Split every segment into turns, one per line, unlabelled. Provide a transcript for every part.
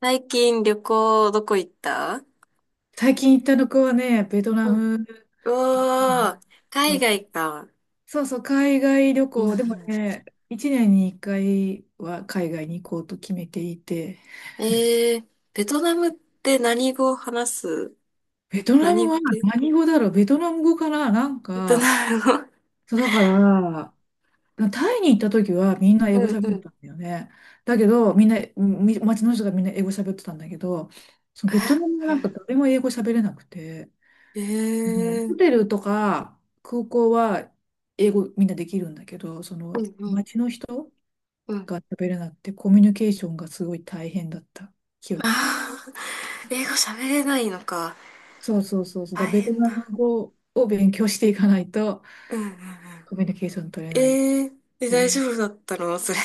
最近旅行どこ行った？
最近行った旅行はね、ベトナ
うん、
ム。
うおー、
う
海
ん、
外か。
そうそう、海外旅
うん、うん。
行、でもね、1年に1回は海外に行こうと決めていて、
えー、ベトナムって何語を話す？
ベトナ
何
ム
語
は
系？
何語だろう、ベトナム語かな。なん
ベト
か、
ナム語。
そうだから、タイに行った時はみんな英
う
語
ん、
喋
う
っ
ん、
てたんだよね。だけど、みんな、街の人がみんな英語喋ってたんだけど、そのベトナムはなん か誰も英語喋れなくて、
え
もう
え
ホ
ー、
テルとか空港は英語みんなできるんだけど、そ
う
の
ん、うん、
街の人
うん。
が喋れなくてコミュニケーションがすごい大変だった記憶。
あー、英語喋れないのか。
そうそうそうそう。だ
大
からベト
変
ナム
だ。
語を勉強していかないと
うんうんうん。
コミュニケーション取れないっ
え、
てい
大
う。
丈夫だったのそれ？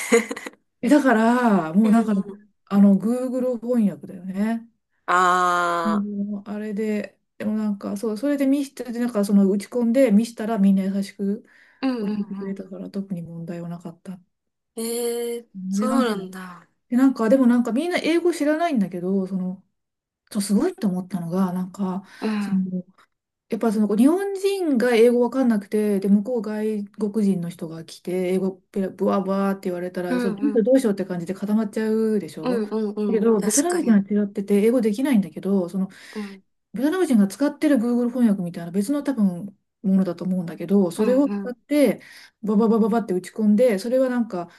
え、だから、
う
もうだか
ん、
ら、
うん、
あの、Google 翻訳だよね。
ああ
もうあれで、でもなんか、そう、それで見して、なんかその打ち込んで見したらみんな優しく
う
教
ん、う
えてくれた
ん、
から特に問題はなかった。
ええー、そ
で、な
う
ん
な
か、
んだ。
でもなんかみんな英語知らないんだけど、その、そう、すごいと思ったのが、なんか、
う
そ
ん。
の、やっぱその日本人が英語わかんなくて、で、向こう外国人の人が来て、英語ペラブワブワって言われた
う
ら、そう、
ん
どう
う
しよう
ん。
どうしようって感じで固まっちゃうでし
う
ょ。
んうん
だ
う
け
ん。
ど、ベト
確
ナ
か
ム人は
に。
違ってて、英語できないんだけど、その、
うん。
ベトナム人が使ってる Google 翻訳みたいな別の多分、ものだと思うんだけど、
う
そ
ん
れを
う
使っ
ん。
て、バババババって打ち込んで、それはなんか、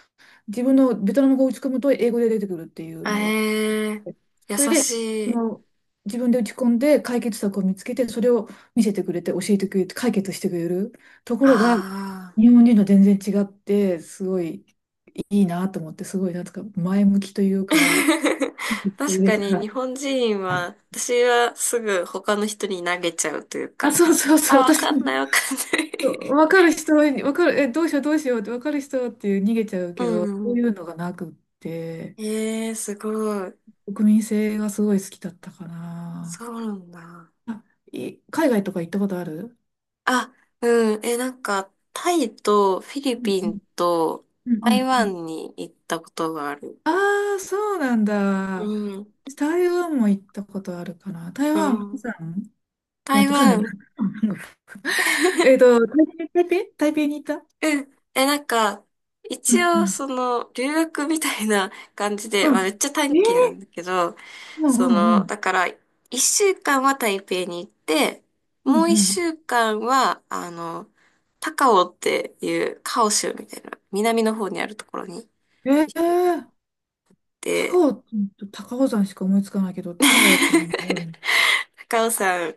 自分のベトナム語を打ち込むと英語で出てくるっていうの
あ
が。
えー、優
それで、そ
しい。
の、自分で打ち込んで解決策を見つけて、それを見せてくれて、教えてくれて、解決してくれるところが、
あ
日
あ。
本人と全然違って、すごいいいなと思って、すごいなんとか前向きというか、と
確
いう
かに
か
日本人は、私はすぐ他の人に投げちゃうという
あ、
か。
そうそうそう、
あ、わ
私
かん
も、
ないわかんない
分かる人は、分かる、え、どうしようどうしようって、分かる人っていう逃げちゃう
う
けど、そ
んう
うい
ん。
うのがなくって、
ええー、すごい。
国民性がすごい好きだったかな。
そうなんだ。
あ、海外とか行ったことある？
あ、うん。え、なんか、タイとフィリ
う
ピン
ん、
と
うん、う
台
ん、うん。
湾に行ったことがある。
ああ、そうなん
う
だ。
ん。
台湾も行ったことあるかな。台
う
湾、釜
ん。
山じゃな
台
くて、釜山じ
湾
ゃない。えっ と、台北、台台北に行った。
うん。え、なんか、
う
一
ん、う
応、
ん。
留学みたいな感じで、
う
まあ、
ん。
めっちゃ短
え
期な
ー。
んだけど、
うんうんうん。
だから、一週間は台北に行って、
う
も
ん
う一
う
週間は、高雄っていうカオ州みたいな、南の方にあるところに
ん。え
行っ
ー。
て、
高尾、高尾山しか思いつかないけど、高尾っていうのがあるの
高尾山、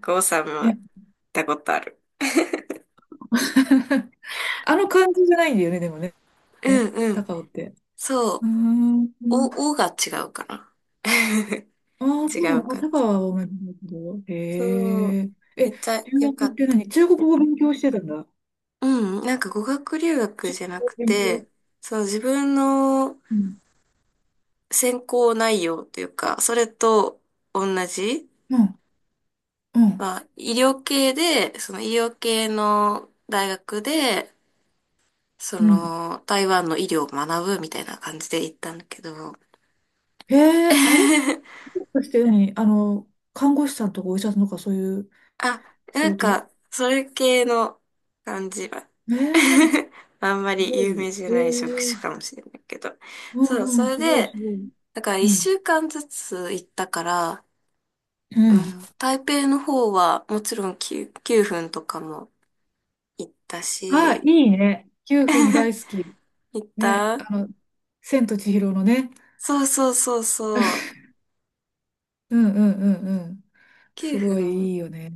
高尾山も行っ
ね。
たことある。
あの感じじゃないんだよね、でもね。
うん
ね
うん。
高尾って。
そ
うー
う。
ん。
お、おが違うかな。
ああ、
違
そ
う
う、あ
か。
高尾は思い出すけど。
そ
へ
う、
え。え、
めっちゃ
留
良か
学っ
っ
て
た。
何、中国語勉強してたんだ。
うん、なんか語学留学
中
じゃなく
古で、
て、そう、自分の
うん、
専攻内容というか、それと同じ、
うん、うん。
まあ、医療系で、その医療系の大学で、
うん。
台湾の医療を学ぶみたいな感じで行ったんだけど、
へえ、あれ、 もしかして何あの、看護師さんとかお医者さんとかそういう
あ、
仕
なん
事？
か、それ系の感じは、
ええ、
あん
す
まり
ご
有名
い。
じゃ
え
ない職
え、
種かもしれないけど、
う
そう、
んう
そ
ん、
れ
すごい、
で、
すごい。
だから
う
一
ん。
週間ずつ行ったから、
う
う
ん。
ん、台北の方はもちろん9、9分とかも行った
あ、
し、
いいね。9分大 好き。
行っ
ね、
た
あの、千と千尋のね。
そうそうそうそう。
うんうんうんうん。
9
すごい
分
いいよね。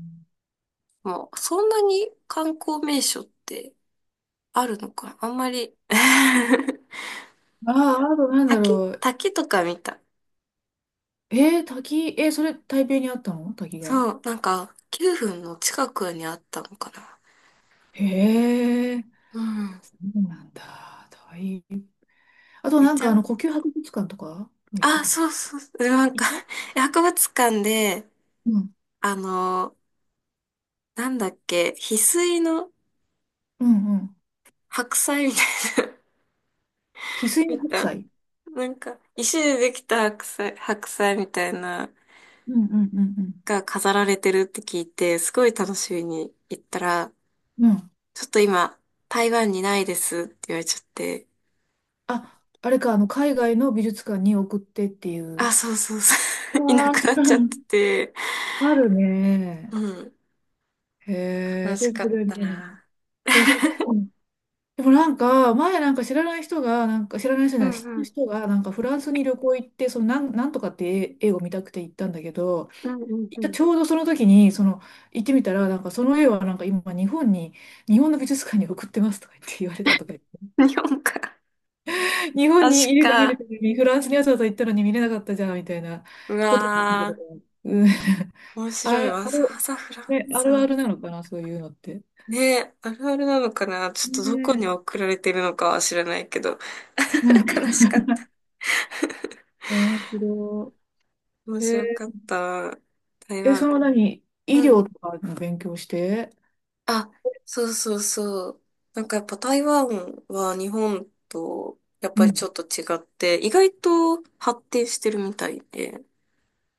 もうそんなに観光名所ってあるのかなあんまり
ああ、あとなんだ
滝
ろう。
滝とか見た。
えー、滝、えーそれ台北にあったの、滝が。
そう、なんか9分の近くにあったのかな。
へえ。
うん。
そうなんだ。大変。あと
めっ
なん
ち
かあ
ゃ、
の呼吸博物館とかも行った
あ、
かも
そ
し
う
れ
そう、なんか
ない。行った？
博物館で、
うん。
あの、なんだっけ、翡翠の
うんうん。
白菜みたいな
翡 翠の
見
白
た
菜。
なんか、石でできた白菜、白菜みたいな、
うんうんうん
が飾られてるって聞いて、すごい楽しみに行ったら、
うん。うん。
ちょっと今、台湾にないですって言われちゃって、
あ、あれか、あの海外の美術館に送ってっていう。
あ、そうそうそ
う
う いな
わあ、
くなっちゃって て、
ある
う
ね。
ん、
へえ、
悲
そ
し
れ
か
ぐ
っ
らい見
た
えない。
な。
え、そう、う ん、でもなんか、前なんか知らない人が、なんか知らない人じ
う
ゃない、知って
んう
る
ん。
人が、なんかフランスに旅行行って、そのなんとかって絵を見たくて行ったんだけど、
うん
行
う
っ
ん
た
う
ちょうどその時に、その、行ってみたら、なんかその絵はなんか今日本に、日本の美術館に送ってますとか言って言われたとか言っ
ん。
て、
日本か。
日本に
確
いれば見れ
か。
たのに、フランスにわざわざ行ったのに見れなかったじゃんみたいな
う
ことだけ
わ
ど、
ー。
うん、
面 白い
あ、
わ。わざわざフラン
ね、あ
ス
るあ
ま
るなのかな、そういうのって。
ね、あるあるなのかなちょっ
ね
とどこに
え、
送られてるのかは知らないけど。
うん、
悲しかった。
面白
面
い。へえ。
白かった。台
え、その
湾。
何、
う
医
んう
療
ん。
とかの勉強して、
あ、そうそうそう。なんかやっぱ台湾は日本とやっ
う
ぱりち
ん。
ょっと違って、意外と発展してるみたいで。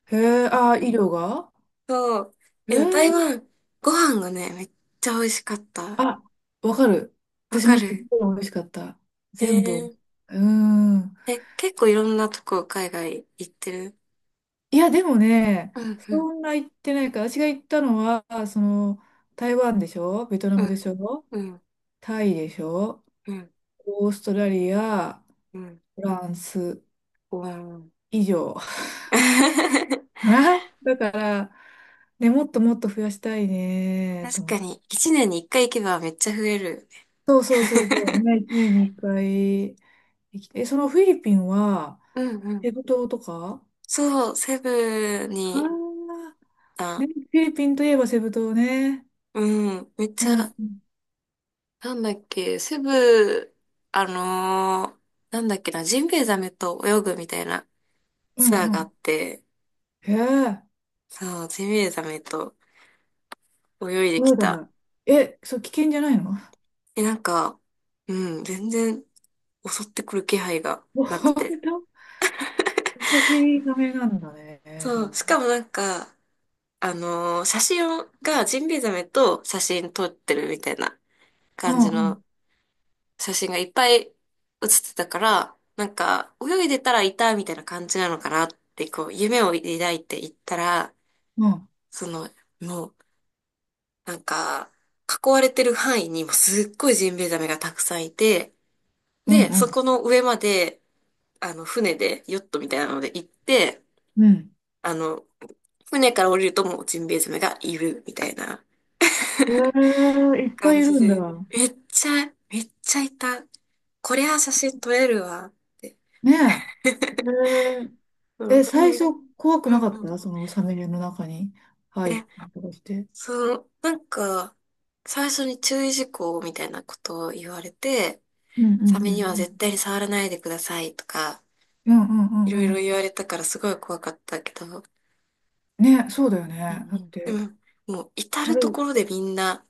へえ、あ、医療が。
そう。
へ
でも台
え。
湾、ご飯がね、めっちゃ美味しかった。
あ、わかる。
わ
私
か
もすっ
る
ごい美味しかった。
え
全部。う
ー、
ーん。
え、結構いろんなとこ海外行ってる？
いや、でもね、
うんうん。
そんな行ってないから、私が行ったのは、その、台湾でしょ、ベトナ
う
ム
ん、
でしょ、
うん、
タイでしょ、
うん。
オーストラリア、
うん。
フランス
うん。
以上。はい。だから、ね、もっともっと増やしたいね、と
確
思っ
か
て。
に、一年に一回行けばめっちゃ増えるよね。
そうそうそうそう、ね、年に1回え、そのフィリピンは、
うんうん。
ペグ島とか。
そう、セブ
ああ
に、
ー、
あ、
ね、フィリピンといえばセブ島ね。
うん、めっ
う
ちゃ、
ん。うん
なんだっけ、セブ、あのーなんだっけな、ジンベエザメと泳ぐみたいな
う
ツア
ん
ー
う
があ
ん。
って、
へえ。
そう、ジンベエザメと泳いでき
そうだ
た。
な。え、そう、危険じゃないの？
え、なんか、うん、全然襲ってくる気配がなく
本
て。
当？私、ダメなんだね、じゃ
そ
あ。
う、しかもなんか、写真をがジンベエザメと写真撮ってるみたいな
う
感
ん
じ
うん。
の写真がいっぱい写ってたから、なんか泳いでたらいたみたいな感じなのかなってこう夢を抱いていったら、
うん
そのもうなんか囲われてる範囲にもすっごいジンベエザメがたくさんいて、
うん
で、
う
そ
ん
この上まで船でヨットみたいなので行って、
うん。
あの船から降りるともうジンベエザメがいるみたいな。
ええ、いっぱい
感
い
じ
るんだ。
で、めっちゃ、めっちゃいた。こりゃ写真撮れるわって。
ねえ。え
う
え。
ん、
え、最
船、う
初
ん
怖くなかっ
う
た、
ん。
そのサメの中に入っ
で、
たりとかして。
なんか、最初に注意事項みたいなことを言われて、
うんうんう
サメに
ん
は
う
絶
ん。
対に触らないでくださいとか、
うんうん
い
う
ろい
んう
ろ
ん。
言われたからすごい怖かったけど、
ね、そうだよ
うん
ね。だ
う
っ
ん。で
て。
も、もう至る
軽
と
い。
ころでみんな、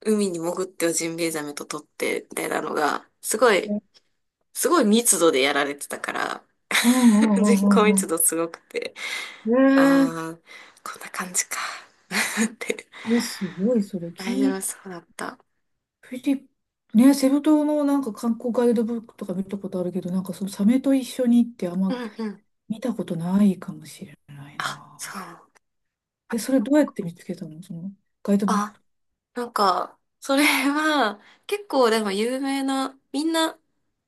海に潜ってはジンベエザメと撮って、みたいなのが、すごい、すごい密度でやられてたから、
うんう
人口
んうんう
密
ん
度すごくて、
うん。へえ。
ああ、こんな感じか。って。
え、すごい、それ、
大丈夫
き、
そうだった。
フィリ、ね、セブ島のなんか観光ガイドブックとか見たことあるけど、なんかそのサメと一緒にってあん
う
ま
んうん。
見たことないかもしれない
あ、
な。
そう。
え、それどうやって見つけたの、そのガイドブッ
あ、
ク。
なんか、それは、結構でも有名な、みんな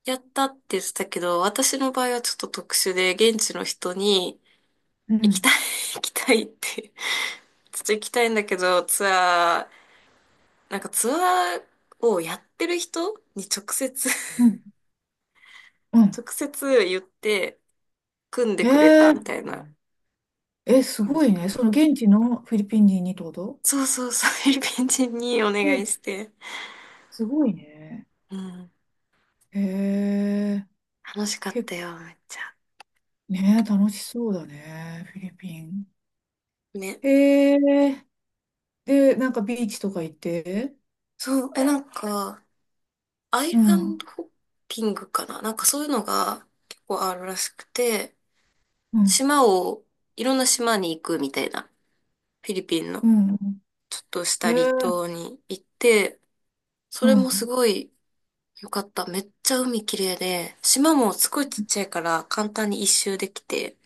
やったって言ってたけど、私の場合はちょっと特殊で、現地の人に、
う
行きた
ん。
い、行きたいって、ちょっと行きたいんだけど、ツアー、なんかツアーをやってる人に直接
うん。うん。
直接言って、組んで
へ
くれたみた
え、
いな
え、す
感
ご
じ
い
か
ね。そ
な。
の現地のフィリピン人にってこと？
そうそうそう、フィリピン人にお願い
え、
して。
すごいね。
うん。
へえ、
楽しかっ
け、
たよ、めっちゃ。
ね、楽しそうだね、フィリピン。
ね。
へえ、で、なんかビーチとか行って、
そう、え、なんか、ア
う
イラン
ん。
ドホッピングかななんかそういうのが結構あるらしくて、
うん、
島を、いろんな島に行くみたいな。フィリピンの、
うん、うん。
ちょっとした
へ
離
え、
島に行って、そ
うん、
れ
う
もす
ん、
ごい良かった。めっちゃ海綺麗で、島もすごいちっちゃいから簡単に一周できて、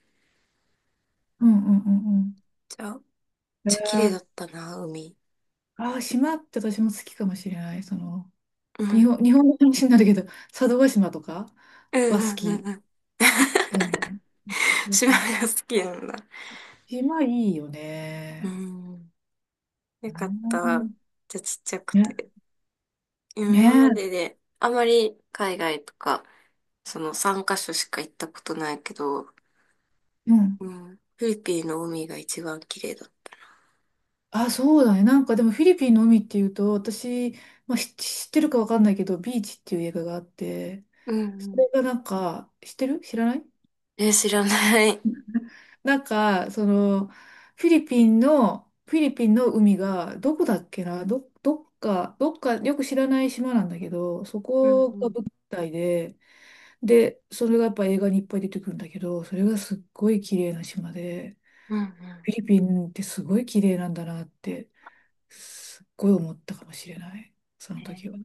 うん、うん、
じゃあ
うん。へ
ちゃ綺麗だ
え、
ったな、海。
ああ、島って私も好きかもしれない。その、
う
日
ん。
本、日本の話になるけど、佐渡島とか
う
は
ん
好
うんうん
き。
うん。
うん、そう
島
そう。
が好きなんだ。
島いいよ
う
ね。
ん。よかっ
う
た。
ん。
じゃあちっちゃく
ね、
て。今まで
ね
で、あまり海外とか、その3カ所しか行ったことないけど、
え、うん。
うん。フィリピンの海が一番綺麗だった。
あ、そうだね。なんかでもフィリピンの海っていうと、私、まあ、知ってるかわかんないけど、ビーチっていう映画があって、
うんう
そ
ん。
れがなんか、知ってる？知らない？
え、知らない。
なんか、その、フィリピンの、海が、どこだっけな、どっか、よく知らない島なんだけど、そ
うん
こ
う
が
ん。
舞台で、で、それがやっぱ映画にいっぱい出てくるんだけど、それがすっごい綺麗な島で、
うんうん。
フィリピンってすごい綺麗なんだなって、すっごい思ったかもしれない、その
えー
時は。